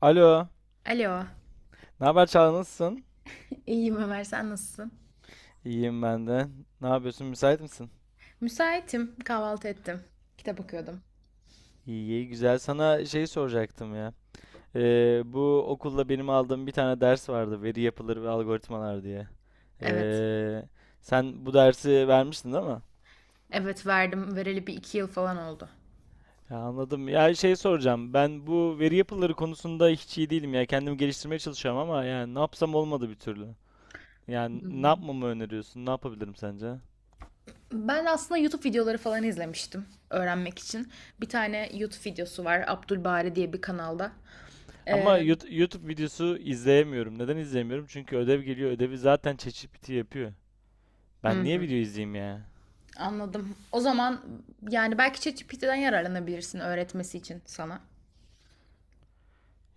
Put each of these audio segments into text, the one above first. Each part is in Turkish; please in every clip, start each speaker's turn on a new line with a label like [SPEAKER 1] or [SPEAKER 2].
[SPEAKER 1] Alo.
[SPEAKER 2] Alo.
[SPEAKER 1] Ne haber Çağla nasılsın?
[SPEAKER 2] İyiyim Ömer, sen nasılsın?
[SPEAKER 1] İyiyim ben de. Ne yapıyorsun? Müsait misin?
[SPEAKER 2] Müsaitim, kahvaltı ettim. Kitap okuyordum.
[SPEAKER 1] İyi, iyi, güzel. Sana şey soracaktım ya. Bu okulda benim aldığım bir tane ders vardı. Veri yapıları ve algoritmalar diye.
[SPEAKER 2] Evet.
[SPEAKER 1] Ee, Sen bu dersi vermiştin, değil mi?
[SPEAKER 2] Evet verdim. Vereli bir iki yıl falan oldu.
[SPEAKER 1] Ya anladım. Ya şey soracağım. Ben bu veri yapıları konusunda hiç iyi değilim ya. Kendimi geliştirmeye çalışıyorum ama yani ne yapsam olmadı bir türlü. Yani ne yapmamı öneriyorsun? Ne yapabilirim sence?
[SPEAKER 2] Ben aslında YouTube videoları falan izlemiştim öğrenmek için. Bir tane YouTube videosu var Abdülbari diye bir kanalda. Ee,
[SPEAKER 1] Ama YouTube videosu izleyemiyorum. Neden izleyemiyorum? Çünkü ödev geliyor. Ödevi zaten ChatGPT yapıyor. Ben niye video izleyeyim ya?
[SPEAKER 2] Anladım. O zaman yani belki ChatGPT'den yararlanabilirsin öğretmesi için sana.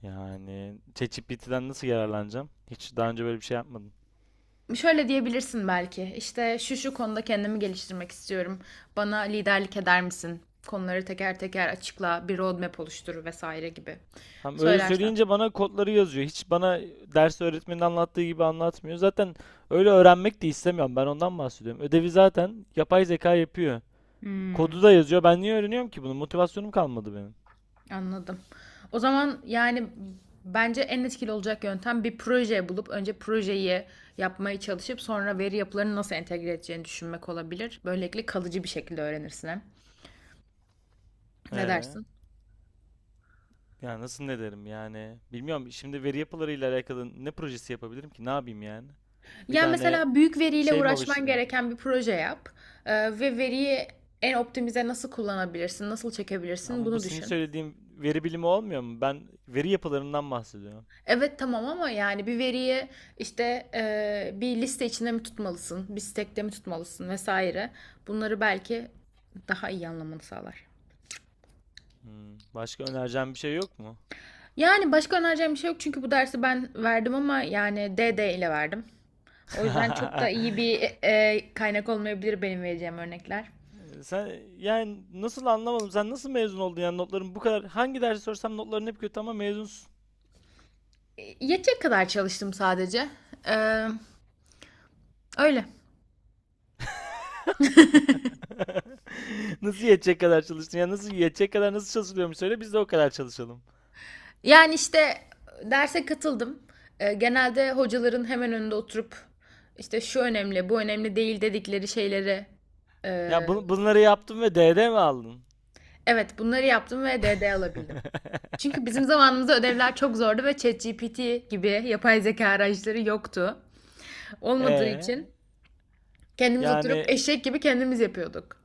[SPEAKER 1] Yani ChatGPT'den nasıl yararlanacağım? Hiç daha önce böyle bir şey yapmadım.
[SPEAKER 2] Şöyle diyebilirsin belki. İşte şu şu konuda kendimi geliştirmek istiyorum. Bana liderlik eder misin? Konuları teker teker açıkla, bir roadmap oluştur vesaire gibi.
[SPEAKER 1] Hem öyle
[SPEAKER 2] Söylersen.
[SPEAKER 1] söyleyince bana kodları yazıyor. Hiç bana ders öğretmenin anlattığı gibi anlatmıyor. Zaten öyle öğrenmek de istemiyorum. Ben ondan bahsediyorum. Ödevi zaten yapay zeka yapıyor.
[SPEAKER 2] Hmm,
[SPEAKER 1] Kodu da yazıyor. Ben niye öğreniyorum ki bunu? Motivasyonum kalmadı benim.
[SPEAKER 2] anladım. O zaman yani bence en etkili olacak yöntem bir proje bulup önce projeyi yapmaya çalışıp sonra veri yapılarını nasıl entegre edeceğini düşünmek olabilir. Böylelikle kalıcı bir şekilde öğrenirsin hem. Ne
[SPEAKER 1] Ee?
[SPEAKER 2] dersin?
[SPEAKER 1] Ya nasıl ne derim yani? Bilmiyorum şimdi veri yapılarıyla alakalı ne projesi yapabilirim ki? Ne yapayım yani? Bir
[SPEAKER 2] Yani
[SPEAKER 1] tane
[SPEAKER 2] mesela büyük veriyle
[SPEAKER 1] şey mi
[SPEAKER 2] uğraşman
[SPEAKER 1] oluşturayım?
[SPEAKER 2] gereken bir proje yap. Ee, Ve veriyi en optimize nasıl kullanabilirsin, nasıl
[SPEAKER 1] Ya,
[SPEAKER 2] çekebilirsin
[SPEAKER 1] ama bu
[SPEAKER 2] bunu
[SPEAKER 1] senin
[SPEAKER 2] düşün.
[SPEAKER 1] söylediğim veri bilimi olmuyor mu? Ben veri yapılarından bahsediyorum.
[SPEAKER 2] Evet tamam ama yani bir veriyi işte bir liste içinde mi tutmalısın, bir stack'te mi tutmalısın vesaire. Bunları belki daha iyi anlamanı sağlar.
[SPEAKER 1] Başka önereceğim bir şey yok mu?
[SPEAKER 2] Yani başka önereceğim bir şey yok çünkü bu dersi ben verdim ama yani D D ile verdim. O yüzden çok da iyi bir kaynak olmayabilir benim vereceğim örnekler.
[SPEAKER 1] Sen, yani nasıl anlamadım? Sen nasıl mezun oldun yani notların bu kadar, hangi dersi sorsam notların hep kötü ama mezunsun.
[SPEAKER 2] Yetecek kadar çalıştım sadece. Ee, Öyle.
[SPEAKER 1] Nasıl yetecek kadar çalıştın? Ya nasıl yetecek kadar, nasıl çalışılıyormuş söyle, biz de o kadar çalışalım.
[SPEAKER 2] Yani işte derse katıldım. Genelde hocaların hemen önünde oturup işte şu önemli, bu önemli değil dedikleri şeyleri e,
[SPEAKER 1] Ya bunları yaptın ve DD mi aldın?
[SPEAKER 2] evet bunları yaptım ve DD alabildim. Çünkü bizim zamanımızda ödevler çok zordu ve ChatGPT gibi yapay zeka araçları yoktu. Olmadığı
[SPEAKER 1] Ee,
[SPEAKER 2] için kendimiz oturup
[SPEAKER 1] Yani
[SPEAKER 2] eşek gibi kendimiz yapıyorduk.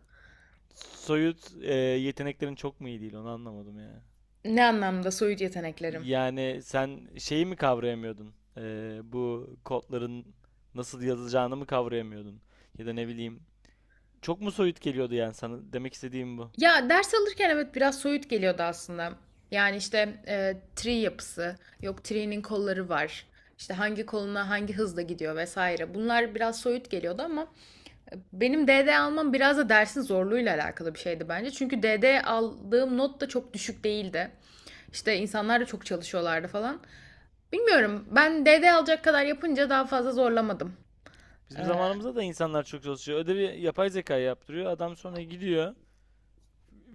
[SPEAKER 1] soyut yeteneklerin çok mu iyi değil, onu anlamadım ya.
[SPEAKER 2] Ne anlamda soyut yeteneklerim?
[SPEAKER 1] Yani sen şeyi mi kavrayamıyordun? Bu kodların nasıl yazılacağını mı kavrayamıyordun? Ya da ne bileyim. Çok mu soyut geliyordu yani sana? Demek istediğim bu.
[SPEAKER 2] Ya ders alırken evet biraz soyut geliyordu aslında. Yani işte tri yapısı, yok tree'nin kolları var. İşte hangi koluna hangi hızla gidiyor vesaire. Bunlar biraz soyut geliyordu ama benim DD almam biraz da dersin zorluğuyla alakalı bir şeydi bence. Çünkü DD aldığım not da çok düşük değildi. İşte insanlar da çok çalışıyorlardı falan. Bilmiyorum. Ben DD alacak kadar yapınca daha fazla zorlamadım. Ee,
[SPEAKER 1] Bizim zamanımızda da insanlar çok çalışıyor. Ödevi yapay zeka yaptırıyor. Adam sonra gidiyor.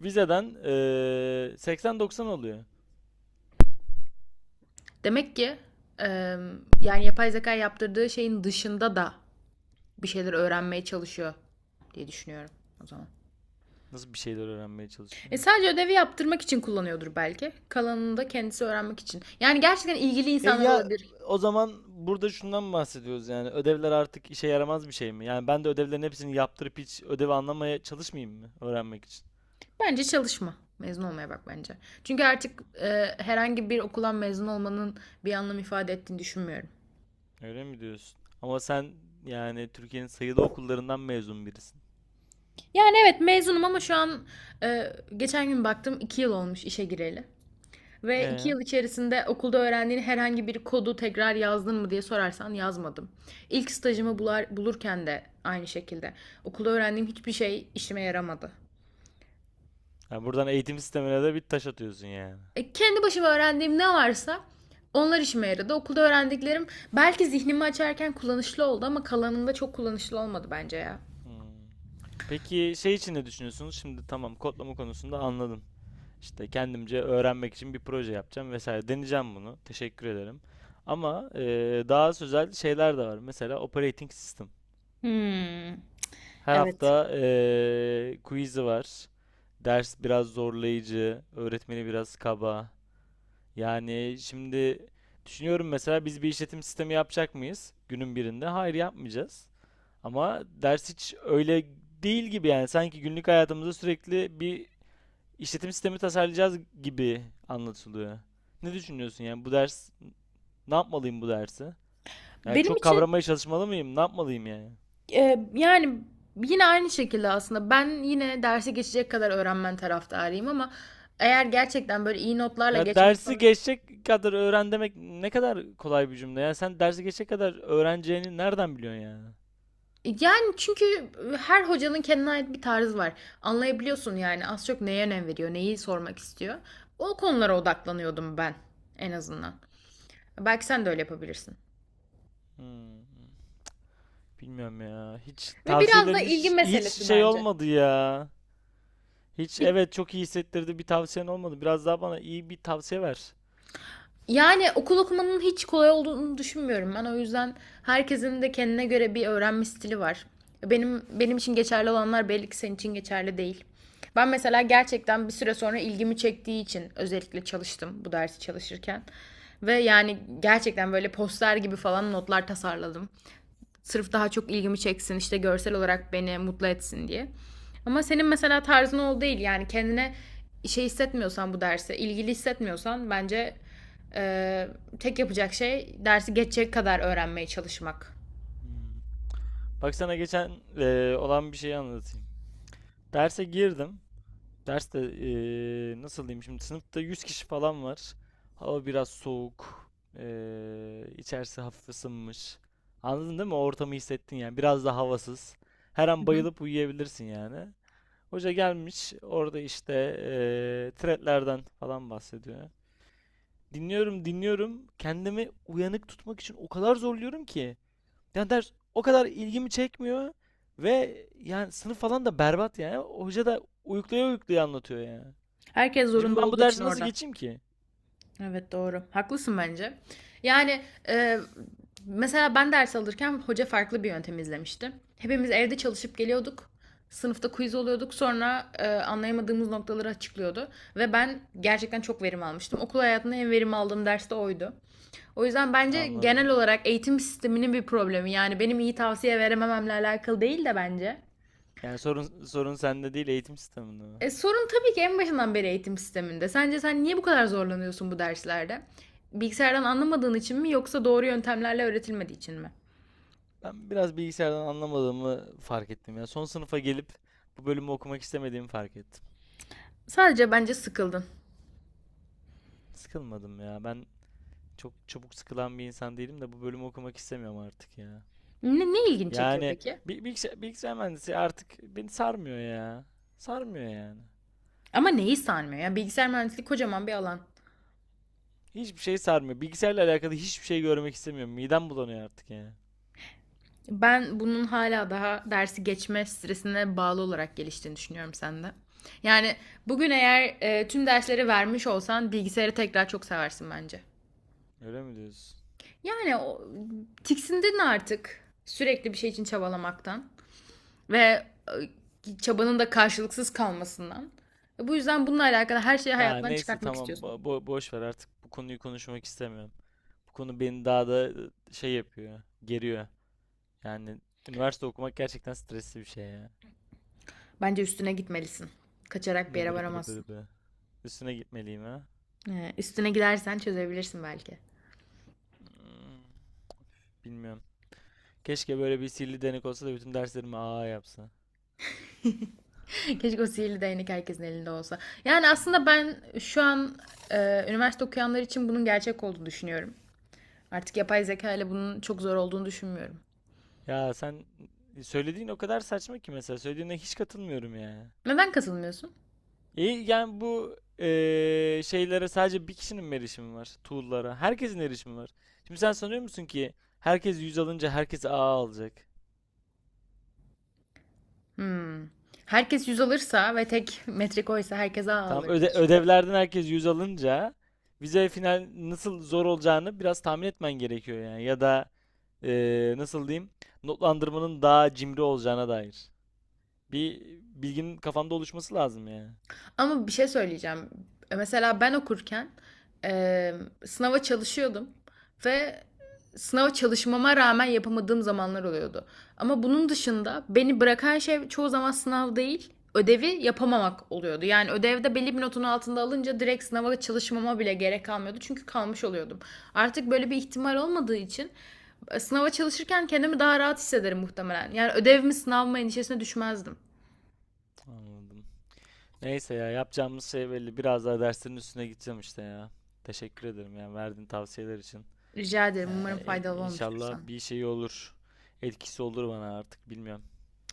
[SPEAKER 1] Vizeden 80-90 oluyor.
[SPEAKER 2] Demek ki e, yani yapay zeka yaptırdığı şeyin dışında da bir şeyler öğrenmeye çalışıyor diye düşünüyorum o zaman.
[SPEAKER 1] Nasıl bir şeyler öğrenmeye
[SPEAKER 2] E
[SPEAKER 1] çalışıyor?
[SPEAKER 2] sadece ödevi yaptırmak için kullanıyordur belki. Kalanını da kendisi öğrenmek için. Yani gerçekten ilgili
[SPEAKER 1] E
[SPEAKER 2] insanlar
[SPEAKER 1] ya
[SPEAKER 2] olabilir.
[SPEAKER 1] o zaman burada şundan bahsediyoruz yani: ödevler artık işe yaramaz bir şey mi? Yani ben de ödevlerin hepsini yaptırıp hiç ödevi anlamaya çalışmayayım mı öğrenmek için?
[SPEAKER 2] Bence çalışma. Mezun olmaya bak bence. Çünkü artık herhangi bir okuldan mezun olmanın bir anlam ifade ettiğini düşünmüyorum.
[SPEAKER 1] Öyle mi diyorsun? Ama sen yani Türkiye'nin sayılı okullarından mezun birisin.
[SPEAKER 2] Yani evet mezunum ama şu an geçen gün baktım 2 yıl olmuş işe gireli. Ve iki
[SPEAKER 1] Ee?
[SPEAKER 2] yıl içerisinde okulda öğrendiğin herhangi bir kodu tekrar yazdın mı diye sorarsan yazmadım. İlk stajımı
[SPEAKER 1] Hmm.
[SPEAKER 2] bulurken de aynı şekilde. Okulda öğrendiğim hiçbir şey işime yaramadı.
[SPEAKER 1] Yani buradan eğitim sistemine de bir taş atıyorsun yani.
[SPEAKER 2] Kendi başıma öğrendiğim ne varsa onlar işime yaradı. Okulda öğrendiklerim belki zihnimi açarken kullanışlı oldu ama kalanında çok kullanışlı olmadı bence ya.
[SPEAKER 1] Hmm. Peki şey için ne düşünüyorsunuz? Şimdi tamam, kodlama konusunda anladım. İşte kendimce öğrenmek için bir proje yapacağım vesaire. Deneyeceğim bunu. Teşekkür ederim. Ama daha özel şeyler de var. Mesela operating system.
[SPEAKER 2] Hmm,
[SPEAKER 1] Her
[SPEAKER 2] evet.
[SPEAKER 1] hafta quiz'i var. Ders biraz zorlayıcı, öğretmeni biraz kaba. Yani şimdi düşünüyorum, mesela biz bir işletim sistemi yapacak mıyız günün birinde? Hayır, yapmayacağız. Ama ders hiç öyle değil gibi, yani sanki günlük hayatımızda sürekli bir işletim sistemi tasarlayacağız gibi anlatılıyor. Ne düşünüyorsun yani bu ders, ne yapmalıyım bu dersi? Yani
[SPEAKER 2] Benim
[SPEAKER 1] çok
[SPEAKER 2] için
[SPEAKER 1] kavramaya çalışmalı mıyım? Ne yapmalıyım yani?
[SPEAKER 2] Yani yine aynı şekilde aslında ben yine derse geçecek kadar öğrenmen taraftarıyım ama eğer gerçekten böyle iyi notlarla
[SPEAKER 1] Ya
[SPEAKER 2] geçmek
[SPEAKER 1] dersi
[SPEAKER 2] falan,
[SPEAKER 1] geçecek kadar öğren demek ne kadar kolay bir cümle. Yani sen dersi geçecek kadar öğreneceğini nereden biliyorsun yani?
[SPEAKER 2] yani çünkü her hocanın kendine ait bir tarzı var. Anlayabiliyorsun yani az çok neye önem veriyor, neyi sormak istiyor. O konulara odaklanıyordum ben en azından. Belki sen de öyle yapabilirsin.
[SPEAKER 1] Hmm, Bilmiyorum ya. Hiç
[SPEAKER 2] Ve biraz da
[SPEAKER 1] tavsiyelerin
[SPEAKER 2] ilgi
[SPEAKER 1] hiç
[SPEAKER 2] meselesi
[SPEAKER 1] şey
[SPEAKER 2] bence.
[SPEAKER 1] olmadı ya. Hiç, evet, çok iyi hissettirdi bir tavsiyen olmadı. Biraz daha bana iyi bir tavsiye ver.
[SPEAKER 2] Yani okul okumanın hiç kolay olduğunu düşünmüyorum ben. O yüzden herkesin de kendine göre bir öğrenme stili var. Benim için geçerli olanlar belli ki senin için geçerli değil. Ben mesela gerçekten bir süre sonra ilgimi çektiği için özellikle çalıştım bu dersi çalışırken. Ve yani gerçekten böyle poster gibi falan notlar tasarladım. Sırf daha çok ilgimi çeksin işte görsel olarak beni mutlu etsin diye. Ama senin mesela tarzın o değil yani kendine şey hissetmiyorsan bu derse ilgili hissetmiyorsan bence e, tek yapacak şey dersi geçecek kadar öğrenmeye çalışmak.
[SPEAKER 1] Hmm. Bak sana geçen olan bir şeyi anlatayım. Derse girdim. Derste nasıl diyeyim, şimdi sınıfta 100 kişi falan var. Hava biraz soğuk. İçerisi hafif ısınmış. Anladın değil mi? O ortamı hissettin yani. Biraz da havasız. Her
[SPEAKER 2] Hı
[SPEAKER 1] an
[SPEAKER 2] hı.
[SPEAKER 1] bayılıp uyuyabilirsin yani. Hoca gelmiş orada işte threadlerden falan bahsediyor. Dinliyorum, dinliyorum. Kendimi uyanık tutmak için o kadar zorluyorum ki. Yani ders o kadar ilgimi çekmiyor. Ve yani sınıf falan da berbat yani. Hoca da uyuklaya uyuklaya anlatıyor yani.
[SPEAKER 2] Herkes
[SPEAKER 1] Şimdi
[SPEAKER 2] zorunda
[SPEAKER 1] ben bu
[SPEAKER 2] olduğu için
[SPEAKER 1] dersi nasıl
[SPEAKER 2] orada.
[SPEAKER 1] geçeyim ki?
[SPEAKER 2] Evet doğru. Haklısın bence. Yani e, mesela ben ders alırken hoca farklı bir yöntem izlemişti. Hepimiz evde çalışıp geliyorduk. Sınıfta quiz oluyorduk. Sonra anlayamadığımız noktaları açıklıyordu. Ve ben gerçekten çok verim almıştım. Okul hayatında en verim aldığım ders de oydu. O yüzden bence genel
[SPEAKER 1] Anladım.
[SPEAKER 2] olarak eğitim sisteminin bir problemi. Yani benim iyi tavsiye veremememle alakalı değil de bence.
[SPEAKER 1] Yani sorun sende değil, eğitim sisteminde mi?
[SPEAKER 2] Sorun tabii ki en başından beri eğitim sisteminde. Sence sen niye bu kadar zorlanıyorsun bu derslerde? Bilgisayardan anlamadığın için mi yoksa doğru yöntemlerle öğretilmediği için mi?
[SPEAKER 1] Ben biraz bilgisayardan anlamadığımı fark ettim ya. Son sınıfa gelip bu bölümü okumak istemediğimi fark ettim.
[SPEAKER 2] Sadece bence sıkıldın.
[SPEAKER 1] Sıkılmadım ya. Ben çok çabuk sıkılan bir insan değilim de bu bölümü okumak istemiyorum artık ya.
[SPEAKER 2] Ne, ne ilgini çekiyor
[SPEAKER 1] Yani
[SPEAKER 2] peki?
[SPEAKER 1] bilgisayar mühendisi artık beni sarmıyor ya. Sarmıyor yani.
[SPEAKER 2] Ama neyi sarmıyor ya? Bilgisayar mühendisliği kocaman bir alan.
[SPEAKER 1] Hiçbir şey sarmıyor. Bilgisayarla alakalı hiçbir şey görmek istemiyorum. Midem bulanıyor artık yani.
[SPEAKER 2] Ben bunun hala daha dersi geçme stresine bağlı olarak geliştiğini düşünüyorum sende. Yani bugün eğer tüm dersleri vermiş olsan bilgisayarı tekrar çok seversin bence.
[SPEAKER 1] Öyle mi diyorsun?
[SPEAKER 2] Yani o, tiksindin artık sürekli bir şey için çabalamaktan. Ve çabanın da karşılıksız kalmasından. Bu yüzden bununla alakalı her şeyi
[SPEAKER 1] Ya
[SPEAKER 2] hayatından
[SPEAKER 1] neyse
[SPEAKER 2] çıkartmak
[SPEAKER 1] tamam,
[SPEAKER 2] istiyorsun.
[SPEAKER 1] boş ver, artık bu konuyu konuşmak istemiyorum. Bu konu beni daha da şey yapıyor, geriyor. Yani üniversite okumak gerçekten stresli bir şey ya.
[SPEAKER 2] Bence üstüne gitmelisin. Kaçarak bir yere
[SPEAKER 1] Nıbırı bırı
[SPEAKER 2] varamazsın.
[SPEAKER 1] bırı bırı. Üstüne gitmeliyim ha.
[SPEAKER 2] Üstüne gidersen çözebilirsin belki.
[SPEAKER 1] Hmm, Bilmiyorum. Keşke böyle bir sihirli denek olsa da bütün derslerimi A yapsa.
[SPEAKER 2] Keşke o sihirli değnek herkesin elinde olsa. Yani aslında
[SPEAKER 1] Hmm.
[SPEAKER 2] ben şu an üniversite okuyanlar için bunun gerçek olduğunu düşünüyorum. Artık yapay zeka ile bunun çok zor olduğunu düşünmüyorum.
[SPEAKER 1] Ya sen söylediğin o kadar saçma ki, mesela söylediğine hiç katılmıyorum ya.
[SPEAKER 2] Neden katılmıyorsun?
[SPEAKER 1] İyi, yani bu şeylere sadece bir kişinin mi erişimi var? Tool'lara. Herkesin erişimi var. Şimdi sen sanıyor musun ki herkes 100 alınca herkes A alacak?
[SPEAKER 2] Hmm. Herkes yüz alırsa ve tek metrik oysa herkes A
[SPEAKER 1] Tamam,
[SPEAKER 2] alır diye düşünüyorum.
[SPEAKER 1] ödevlerden herkes 100 alınca vize final nasıl zor olacağını biraz tahmin etmen gerekiyor yani. Ya da nasıl diyeyim, notlandırmanın daha cimri olacağına dair bir bilginin kafanda oluşması lazım yani.
[SPEAKER 2] Ama bir şey söyleyeceğim. Mesela ben okurken e, sınava çalışıyordum ve sınava çalışmama rağmen yapamadığım zamanlar oluyordu. Ama bunun dışında beni bırakan şey çoğu zaman sınav değil, ödevi yapamamak oluyordu. Yani ödevde belli bir notun altında alınca direkt sınava çalışmama bile gerek kalmıyordu. Çünkü kalmış oluyordum. Artık böyle bir ihtimal olmadığı için sınava çalışırken kendimi daha rahat hissederim muhtemelen. Yani ödev mi sınav mı endişesine düşmezdim.
[SPEAKER 1] Anladım. Neyse, ya yapacağımız şey belli. Biraz daha derslerin üstüne gideceğim işte ya. Teşekkür ederim yani verdiğin tavsiyeler için.
[SPEAKER 2] Rica ederim. Umarım
[SPEAKER 1] Yani
[SPEAKER 2] faydalı olmuştur
[SPEAKER 1] inşallah
[SPEAKER 2] sana.
[SPEAKER 1] bir şey olur. Etkisi olur bana, artık bilmiyorum.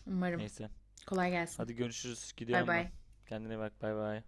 [SPEAKER 2] Umarım.
[SPEAKER 1] Neyse.
[SPEAKER 2] Kolay gelsin.
[SPEAKER 1] Hadi görüşürüz.
[SPEAKER 2] Bay
[SPEAKER 1] Gidiyorum ben.
[SPEAKER 2] bay.
[SPEAKER 1] Kendine bak. Bay bay.